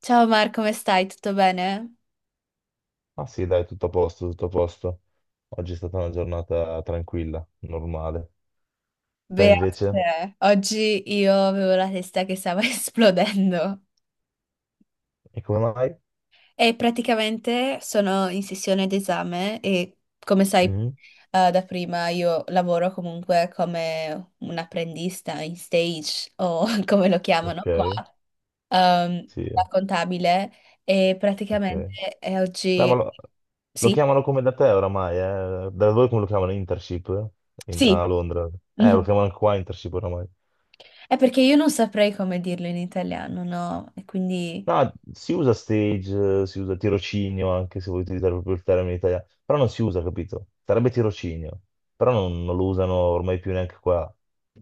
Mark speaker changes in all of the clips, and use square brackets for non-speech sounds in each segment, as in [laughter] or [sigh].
Speaker 1: Ciao Mar, come stai? Tutto bene?
Speaker 2: Ah sì, dai, tutto a posto, tutto a posto. Oggi è stata una giornata tranquilla, normale. Te invece?
Speaker 1: Beate, oggi io avevo la testa che stava [laughs] esplodendo
Speaker 2: E come mai?
Speaker 1: e praticamente sono in sessione d'esame e come sai
Speaker 2: Mhm.
Speaker 1: da prima io lavoro comunque come un apprendista in stage o [laughs] come lo chiamano
Speaker 2: Ok,
Speaker 1: qua,
Speaker 2: sì,
Speaker 1: da contabile e
Speaker 2: ok.
Speaker 1: praticamente
Speaker 2: Beh, ma
Speaker 1: oggi
Speaker 2: lo, lo
Speaker 1: sì,
Speaker 2: chiamano come da te oramai, eh? Da voi come lo chiamano? Internship?
Speaker 1: sì.
Speaker 2: A Londra?
Speaker 1: [laughs]
Speaker 2: Lo
Speaker 1: Mhm.
Speaker 2: chiamano qua internship oramai.
Speaker 1: È perché io non saprei come dirlo in italiano, no? E quindi...
Speaker 2: No, si usa stage, si usa tirocinio anche se vuoi utilizzare proprio il termine italiano, però non si usa, capito? Sarebbe tirocinio, però non lo usano ormai più neanche qua.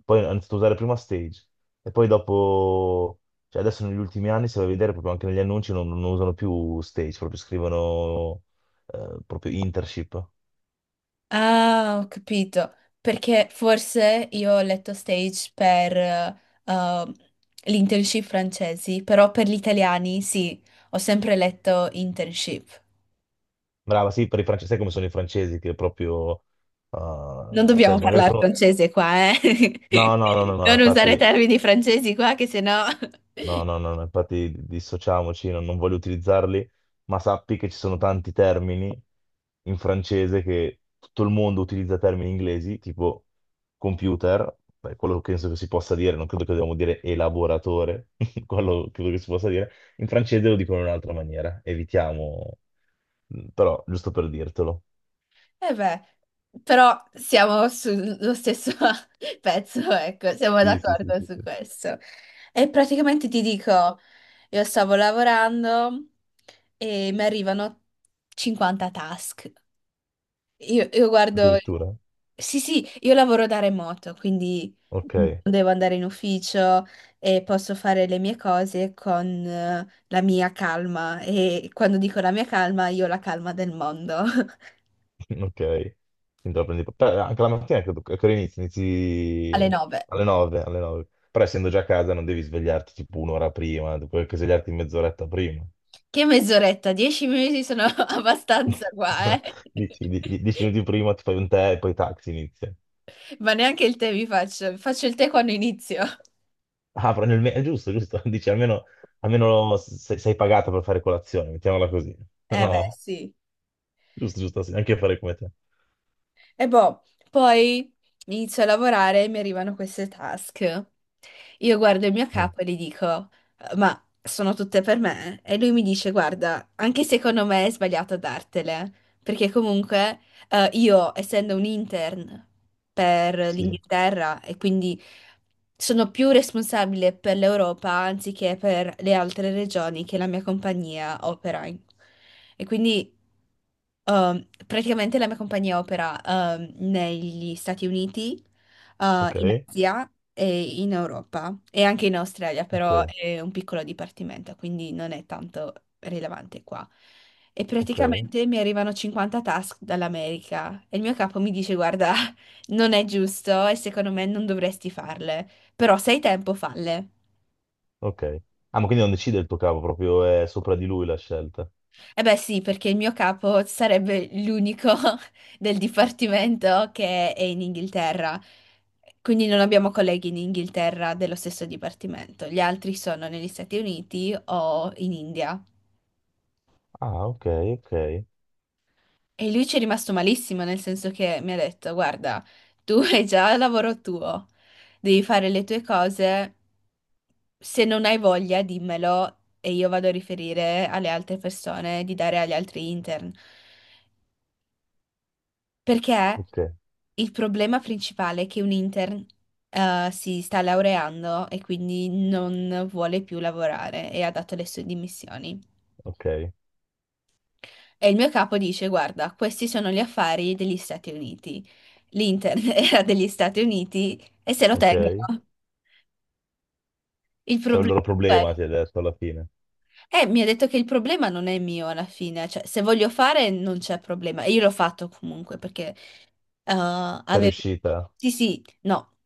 Speaker 2: Poi hanno iniziato a usare prima stage e poi dopo, cioè adesso negli ultimi anni, se vai a vedere proprio anche negli annunci, non usano più stage, proprio scrivono proprio internship.
Speaker 1: Ah, ho capito. Perché forse io ho letto stage per uh, l'internship francesi, però per gli italiani sì, ho sempre letto internship.
Speaker 2: Brava, sì, per i francesi, sai come sono i francesi che proprio,
Speaker 1: Non
Speaker 2: cioè
Speaker 1: dobbiamo
Speaker 2: magari
Speaker 1: parlare
Speaker 2: sono...
Speaker 1: francese qua, eh?
Speaker 2: No, no, no, no,
Speaker 1: [laughs]
Speaker 2: no,
Speaker 1: Non usare
Speaker 2: infatti...
Speaker 1: termini francesi qua, che sennò...
Speaker 2: No, no, no, no, infatti dissociamoci, non voglio utilizzarli, ma sappi che ci sono tanti termini in francese che tutto il mondo utilizza termini inglesi, tipo computer, beh, quello penso che si possa dire, non credo che dobbiamo dire elaboratore, [laughs] quello credo che si possa dire, in francese lo dicono in un'altra maniera, evitiamo, però giusto per dirtelo.
Speaker 1: E beh, però siamo sullo stesso [laughs] pezzo, ecco, siamo
Speaker 2: Sì, sì, sì,
Speaker 1: d'accordo
Speaker 2: sì,
Speaker 1: su
Speaker 2: sì.
Speaker 1: questo. E praticamente ti dico, io stavo lavorando e mi arrivano 50 task. Io guardo,
Speaker 2: Addirittura.
Speaker 1: sì, sì, io lavoro da remoto, quindi
Speaker 2: Ok.
Speaker 1: non devo andare in ufficio e posso fare le mie cose con la mia calma. E quando dico la mia calma, io ho la calma del mondo
Speaker 2: Ok, quindi la prendi... però anche la mattina credo che inizi,
Speaker 1: [laughs] alle
Speaker 2: inizi
Speaker 1: 9.
Speaker 2: alle 9, alle 9. Però essendo già a casa non devi svegliarti tipo un'ora prima, puoi anche svegliarti mezz'oretta prima.
Speaker 1: Che mezz'oretta? 10 minuti sono [laughs] abbastanza qua,
Speaker 2: [laughs]
Speaker 1: eh?
Speaker 2: Dici, dieci minuti prima ti fai un tè e poi taxi inizia.
Speaker 1: [laughs] Ma neanche il tè mi faccio. Faccio il tè quando inizio.
Speaker 2: Ah, però è giusto, giusto, [laughs] dici almeno, almeno sei pagata per fare colazione, mettiamola così. [laughs]
Speaker 1: Eh beh,
Speaker 2: No,
Speaker 1: sì.
Speaker 2: giusto, giusto, sì, anche fare come te.
Speaker 1: E boh, poi inizio a lavorare e mi arrivano queste task. Io guardo il mio
Speaker 2: Mm.
Speaker 1: capo e gli dico, ma sono tutte per me?" E lui mi dice, guarda, anche secondo me è sbagliato dartele, perché comunque io, essendo un intern per
Speaker 2: Sì,
Speaker 1: l'Inghilterra e quindi sono più responsabile per l'Europa anziché per le altre regioni che la mia compagnia opera in. E quindi... praticamente la mia compagnia opera negli Stati Uniti,
Speaker 2: ok,
Speaker 1: in Asia e in Europa e anche in Australia, però
Speaker 2: ok,
Speaker 1: è un piccolo dipartimento, quindi non è tanto rilevante qua. E
Speaker 2: ok,
Speaker 1: praticamente mi arrivano 50 task dall'America e il mio capo mi dice: guarda, [laughs] non è giusto e secondo me non dovresti farle, però se hai tempo, falle.
Speaker 2: ok. Ah, ma quindi non decide il tuo capo, proprio è sopra di lui la scelta.
Speaker 1: Eh beh sì, perché il mio capo sarebbe l'unico [laughs] del dipartimento che è in Inghilterra, quindi non abbiamo colleghi in Inghilterra dello stesso dipartimento, gli altri sono negli Stati Uniti o in India.
Speaker 2: Ah, ok, ok,
Speaker 1: E lui ci è rimasto malissimo, nel senso che mi ha detto, guarda, tu [laughs] hai già il lavoro tuo, devi fare le tue cose, se non hai voglia dimmelo e io vado a riferire alle altre persone di dare agli altri intern. Perché
Speaker 2: ok,
Speaker 1: il problema principale è che un intern, si sta laureando e quindi non vuole più lavorare e ha dato le sue dimissioni.
Speaker 2: ok,
Speaker 1: E il mio capo dice: guarda, questi sono gli affari degli Stati Uniti. L'intern [laughs] era degli Stati Uniti e se lo
Speaker 2: ok.
Speaker 1: tengono. Il
Speaker 2: C'è un
Speaker 1: problema
Speaker 2: loro
Speaker 1: è.
Speaker 2: problema, ti hai detto alla fine.
Speaker 1: Mi ha detto che il problema non è mio alla fine, cioè se voglio fare non c'è problema. E io l'ho fatto comunque, perché Uh,
Speaker 2: Sei
Speaker 1: avevo-
Speaker 2: riuscita?
Speaker 1: sì, sì, no,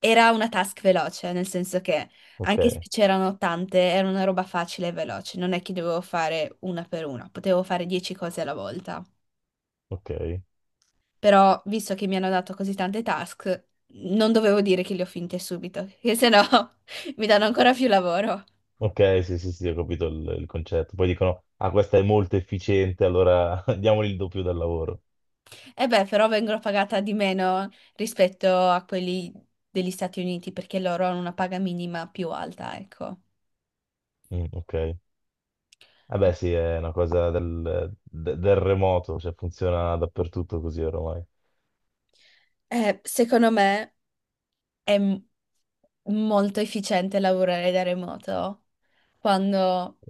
Speaker 1: era una task veloce, nel senso che
Speaker 2: Ok,
Speaker 1: anche se c'erano tante, era una roba facile e veloce, non è che dovevo fare una per una, potevo fare 10 cose alla volta.
Speaker 2: ok,
Speaker 1: Però, visto che mi hanno dato così tante task, non dovevo dire che le ho finte subito, che sennò [laughs] mi danno ancora più lavoro.
Speaker 2: ok, sì, sì, sì, ho capito il concetto. Poi dicono, ah, questa è molto efficiente, allora [laughs] diamogli il doppio del lavoro.
Speaker 1: E beh, però vengono pagata di meno rispetto a quelli degli Stati Uniti, perché loro hanno una paga minima più alta, ecco.
Speaker 2: Mm, ok. Vabbè, sì, è una cosa del remoto, cioè funziona dappertutto così ormai.
Speaker 1: Secondo me è molto efficiente lavorare da remoto quando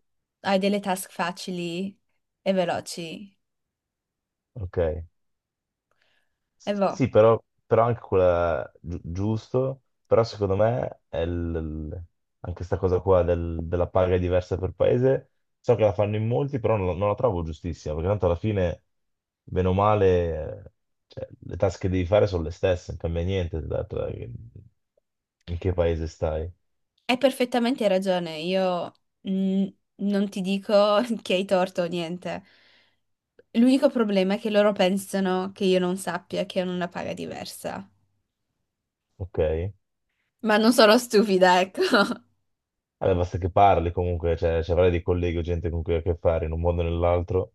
Speaker 1: hai delle task facili e veloci.
Speaker 2: Ok.
Speaker 1: E boh,
Speaker 2: Sì, però, però anche quella giusto, però secondo me anche questa cosa qua della paga diversa per paese, so che la fanno in molti, però non la trovo giustissima, perché tanto alla fine, bene o male, cioè, le task che devi fare sono le stesse, non cambia niente dato che- in che paese stai,
Speaker 1: hai perfettamente ragione, io mm, non ti dico [laughs] che hai torto o niente. L'unico problema è che loro pensano che io non sappia che hanno una paga diversa.
Speaker 2: ok?
Speaker 1: Ma non sono stupida, ecco. [laughs]
Speaker 2: Vabbè, basta che parli comunque, cioè, ci avrai dei colleghi o gente con cui hai a che fare in un modo o nell'altro,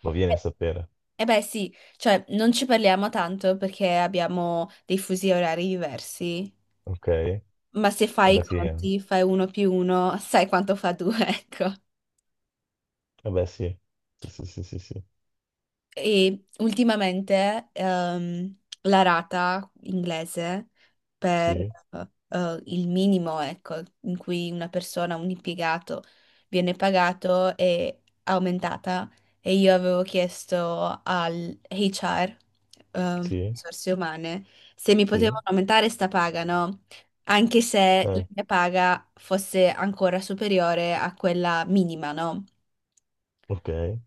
Speaker 2: lo vieni a sapere,
Speaker 1: E beh sì, cioè non ci parliamo tanto perché abbiamo dei fusi orari diversi.
Speaker 2: ok?
Speaker 1: Ma se fai i
Speaker 2: Vabbè, sì, eh.
Speaker 1: conti, fai uno più uno, sai quanto fa due, [laughs] ecco.
Speaker 2: Vabbè, sì. Sì, sì, sì, sì, sì.
Speaker 1: E ultimamente la rata inglese per
Speaker 2: Sì,
Speaker 1: il minimo, ecco, in cui una persona, un impiegato viene pagato è aumentata e io avevo chiesto al HR,
Speaker 2: sì,
Speaker 1: risorse umane, se mi
Speaker 2: sì.
Speaker 1: potevano aumentare sta paga, no? Anche se la
Speaker 2: Eh,
Speaker 1: mia paga fosse ancora superiore a quella minima, no?
Speaker 2: ok. Eh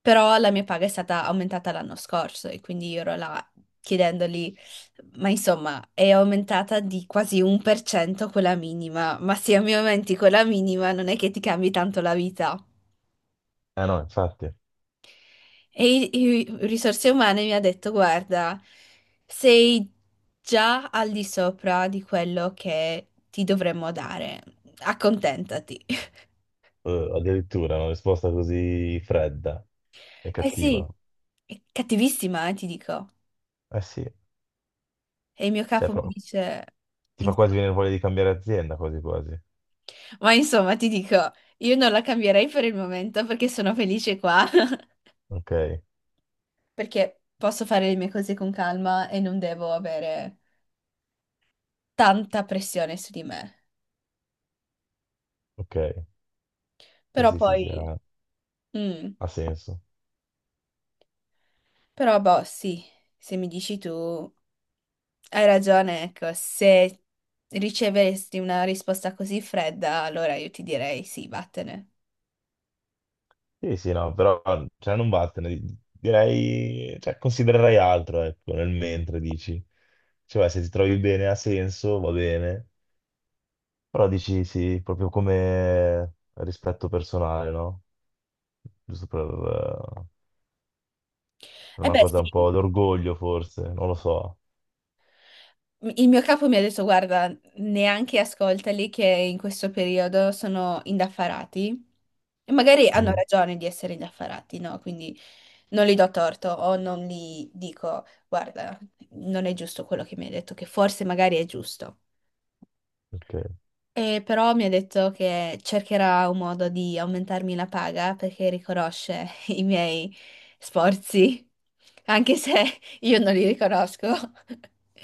Speaker 1: Però la mia paga è stata aumentata l'anno scorso e quindi io ero là chiedendogli, ma insomma, è aumentata di quasi 1% quella minima, ma se mi aumenti quella minima non è che ti cambi tanto la vita.
Speaker 2: no, infatti.
Speaker 1: E risorse umane mi ha detto, guarda, sei già al di sopra di quello che ti dovremmo dare, accontentati. [laughs]
Speaker 2: Addirittura una risposta così fredda e
Speaker 1: Eh
Speaker 2: cattiva.
Speaker 1: sì, è cattivissima, ti dico.
Speaker 2: Eh sì,
Speaker 1: E il mio
Speaker 2: cioè
Speaker 1: capo mi
Speaker 2: proprio,
Speaker 1: dice...
Speaker 2: ti fa quasi venire voglia di cambiare azienda, quasi quasi.
Speaker 1: Ma insomma, ti dico, io non la cambierei per il momento perché sono felice qua, [laughs]
Speaker 2: Ok,
Speaker 1: perché posso fare le mie cose con calma e non devo avere tanta pressione su di me.
Speaker 2: ok. Sì,
Speaker 1: Però
Speaker 2: sì, sì, sì,
Speaker 1: poi,
Speaker 2: ha,
Speaker 1: mm,
Speaker 2: ha senso.
Speaker 1: però boh, sì, se mi dici tu, hai ragione, ecco, se riceveresti una risposta così fredda, allora io ti direi sì, vattene.
Speaker 2: Sì, sì, no, però cioè, non vattene. Direi, cioè, considererai altro, ecco, nel mentre dici. Cioè, se ti trovi bene ha senso, va bene. Però dici sì, proprio come rispetto personale, no? Giusto per
Speaker 1: E
Speaker 2: una
Speaker 1: beh,
Speaker 2: cosa un
Speaker 1: sì.
Speaker 2: po' d'orgoglio, forse, non lo so.
Speaker 1: Il mio capo mi ha detto, guarda, neanche ascoltali che in questo periodo sono indaffarati e magari hanno
Speaker 2: Mm,
Speaker 1: ragione di essere indaffarati, no? Quindi non li do torto o non gli dico, guarda, non è giusto quello che mi hai detto, che forse magari è giusto.
Speaker 2: ok.
Speaker 1: E però mi ha detto che cercherà un modo di aumentarmi la paga perché riconosce [laughs] i miei sforzi, anche se io non li riconosco. [laughs]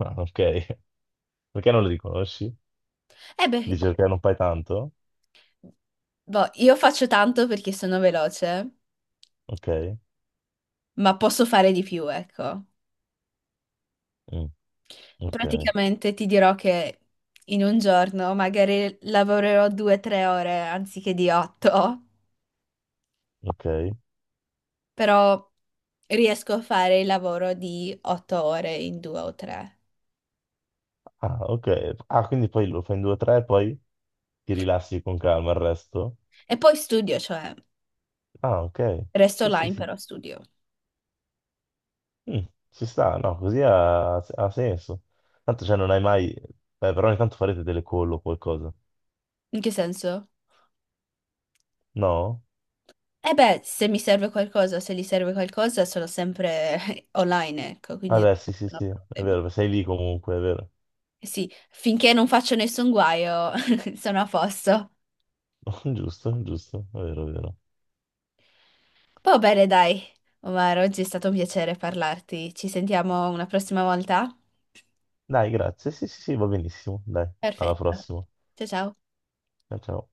Speaker 2: Ah, ok. [laughs] Perché non lo riconosci?
Speaker 1: E beh,
Speaker 2: Dici perché non fai tanto?
Speaker 1: boh, io faccio tanto perché sono veloce,
Speaker 2: Ok.
Speaker 1: ma posso fare di più, ecco.
Speaker 2: Mm, ok,
Speaker 1: Praticamente ti dirò che in un giorno magari lavorerò 2 o 3 ore anziché di 8,
Speaker 2: ok.
Speaker 1: però riesco a fare il lavoro di 8 ore in 2 o 3.
Speaker 2: Ah, ok. Ah, quindi poi lo fai in due o tre, poi ti rilassi con calma il resto?
Speaker 1: E poi studio, cioè
Speaker 2: Ah, ok.
Speaker 1: resto
Speaker 2: Sì, sì,
Speaker 1: online
Speaker 2: sì.
Speaker 1: però studio.
Speaker 2: Mm, ci sta, no, così ha, ha senso. Tanto, cioè, non hai mai... Beh, però ogni tanto farete delle call o qualcosa.
Speaker 1: In che senso?
Speaker 2: No?
Speaker 1: Eh beh, se mi serve qualcosa, se gli serve qualcosa, sono sempre [laughs] online, ecco,
Speaker 2: Ah,
Speaker 1: quindi
Speaker 2: beh, sì, sì,
Speaker 1: non ho
Speaker 2: sì, è
Speaker 1: problemi.
Speaker 2: vero, sei lì comunque, è vero.
Speaker 1: Eh sì, finché non faccio nessun guaio, [laughs] sono a posto.
Speaker 2: [laughs] Giusto, giusto, è vero, è vero.
Speaker 1: Va bene, dai. Omar, oggi è stato un piacere parlarti. Ci sentiamo una prossima volta?
Speaker 2: Dai, grazie. Sì, sì, sì, va benissimo. Dai, alla
Speaker 1: Perfetto.
Speaker 2: prossima.
Speaker 1: Ciao ciao.
Speaker 2: Ciao, ciao.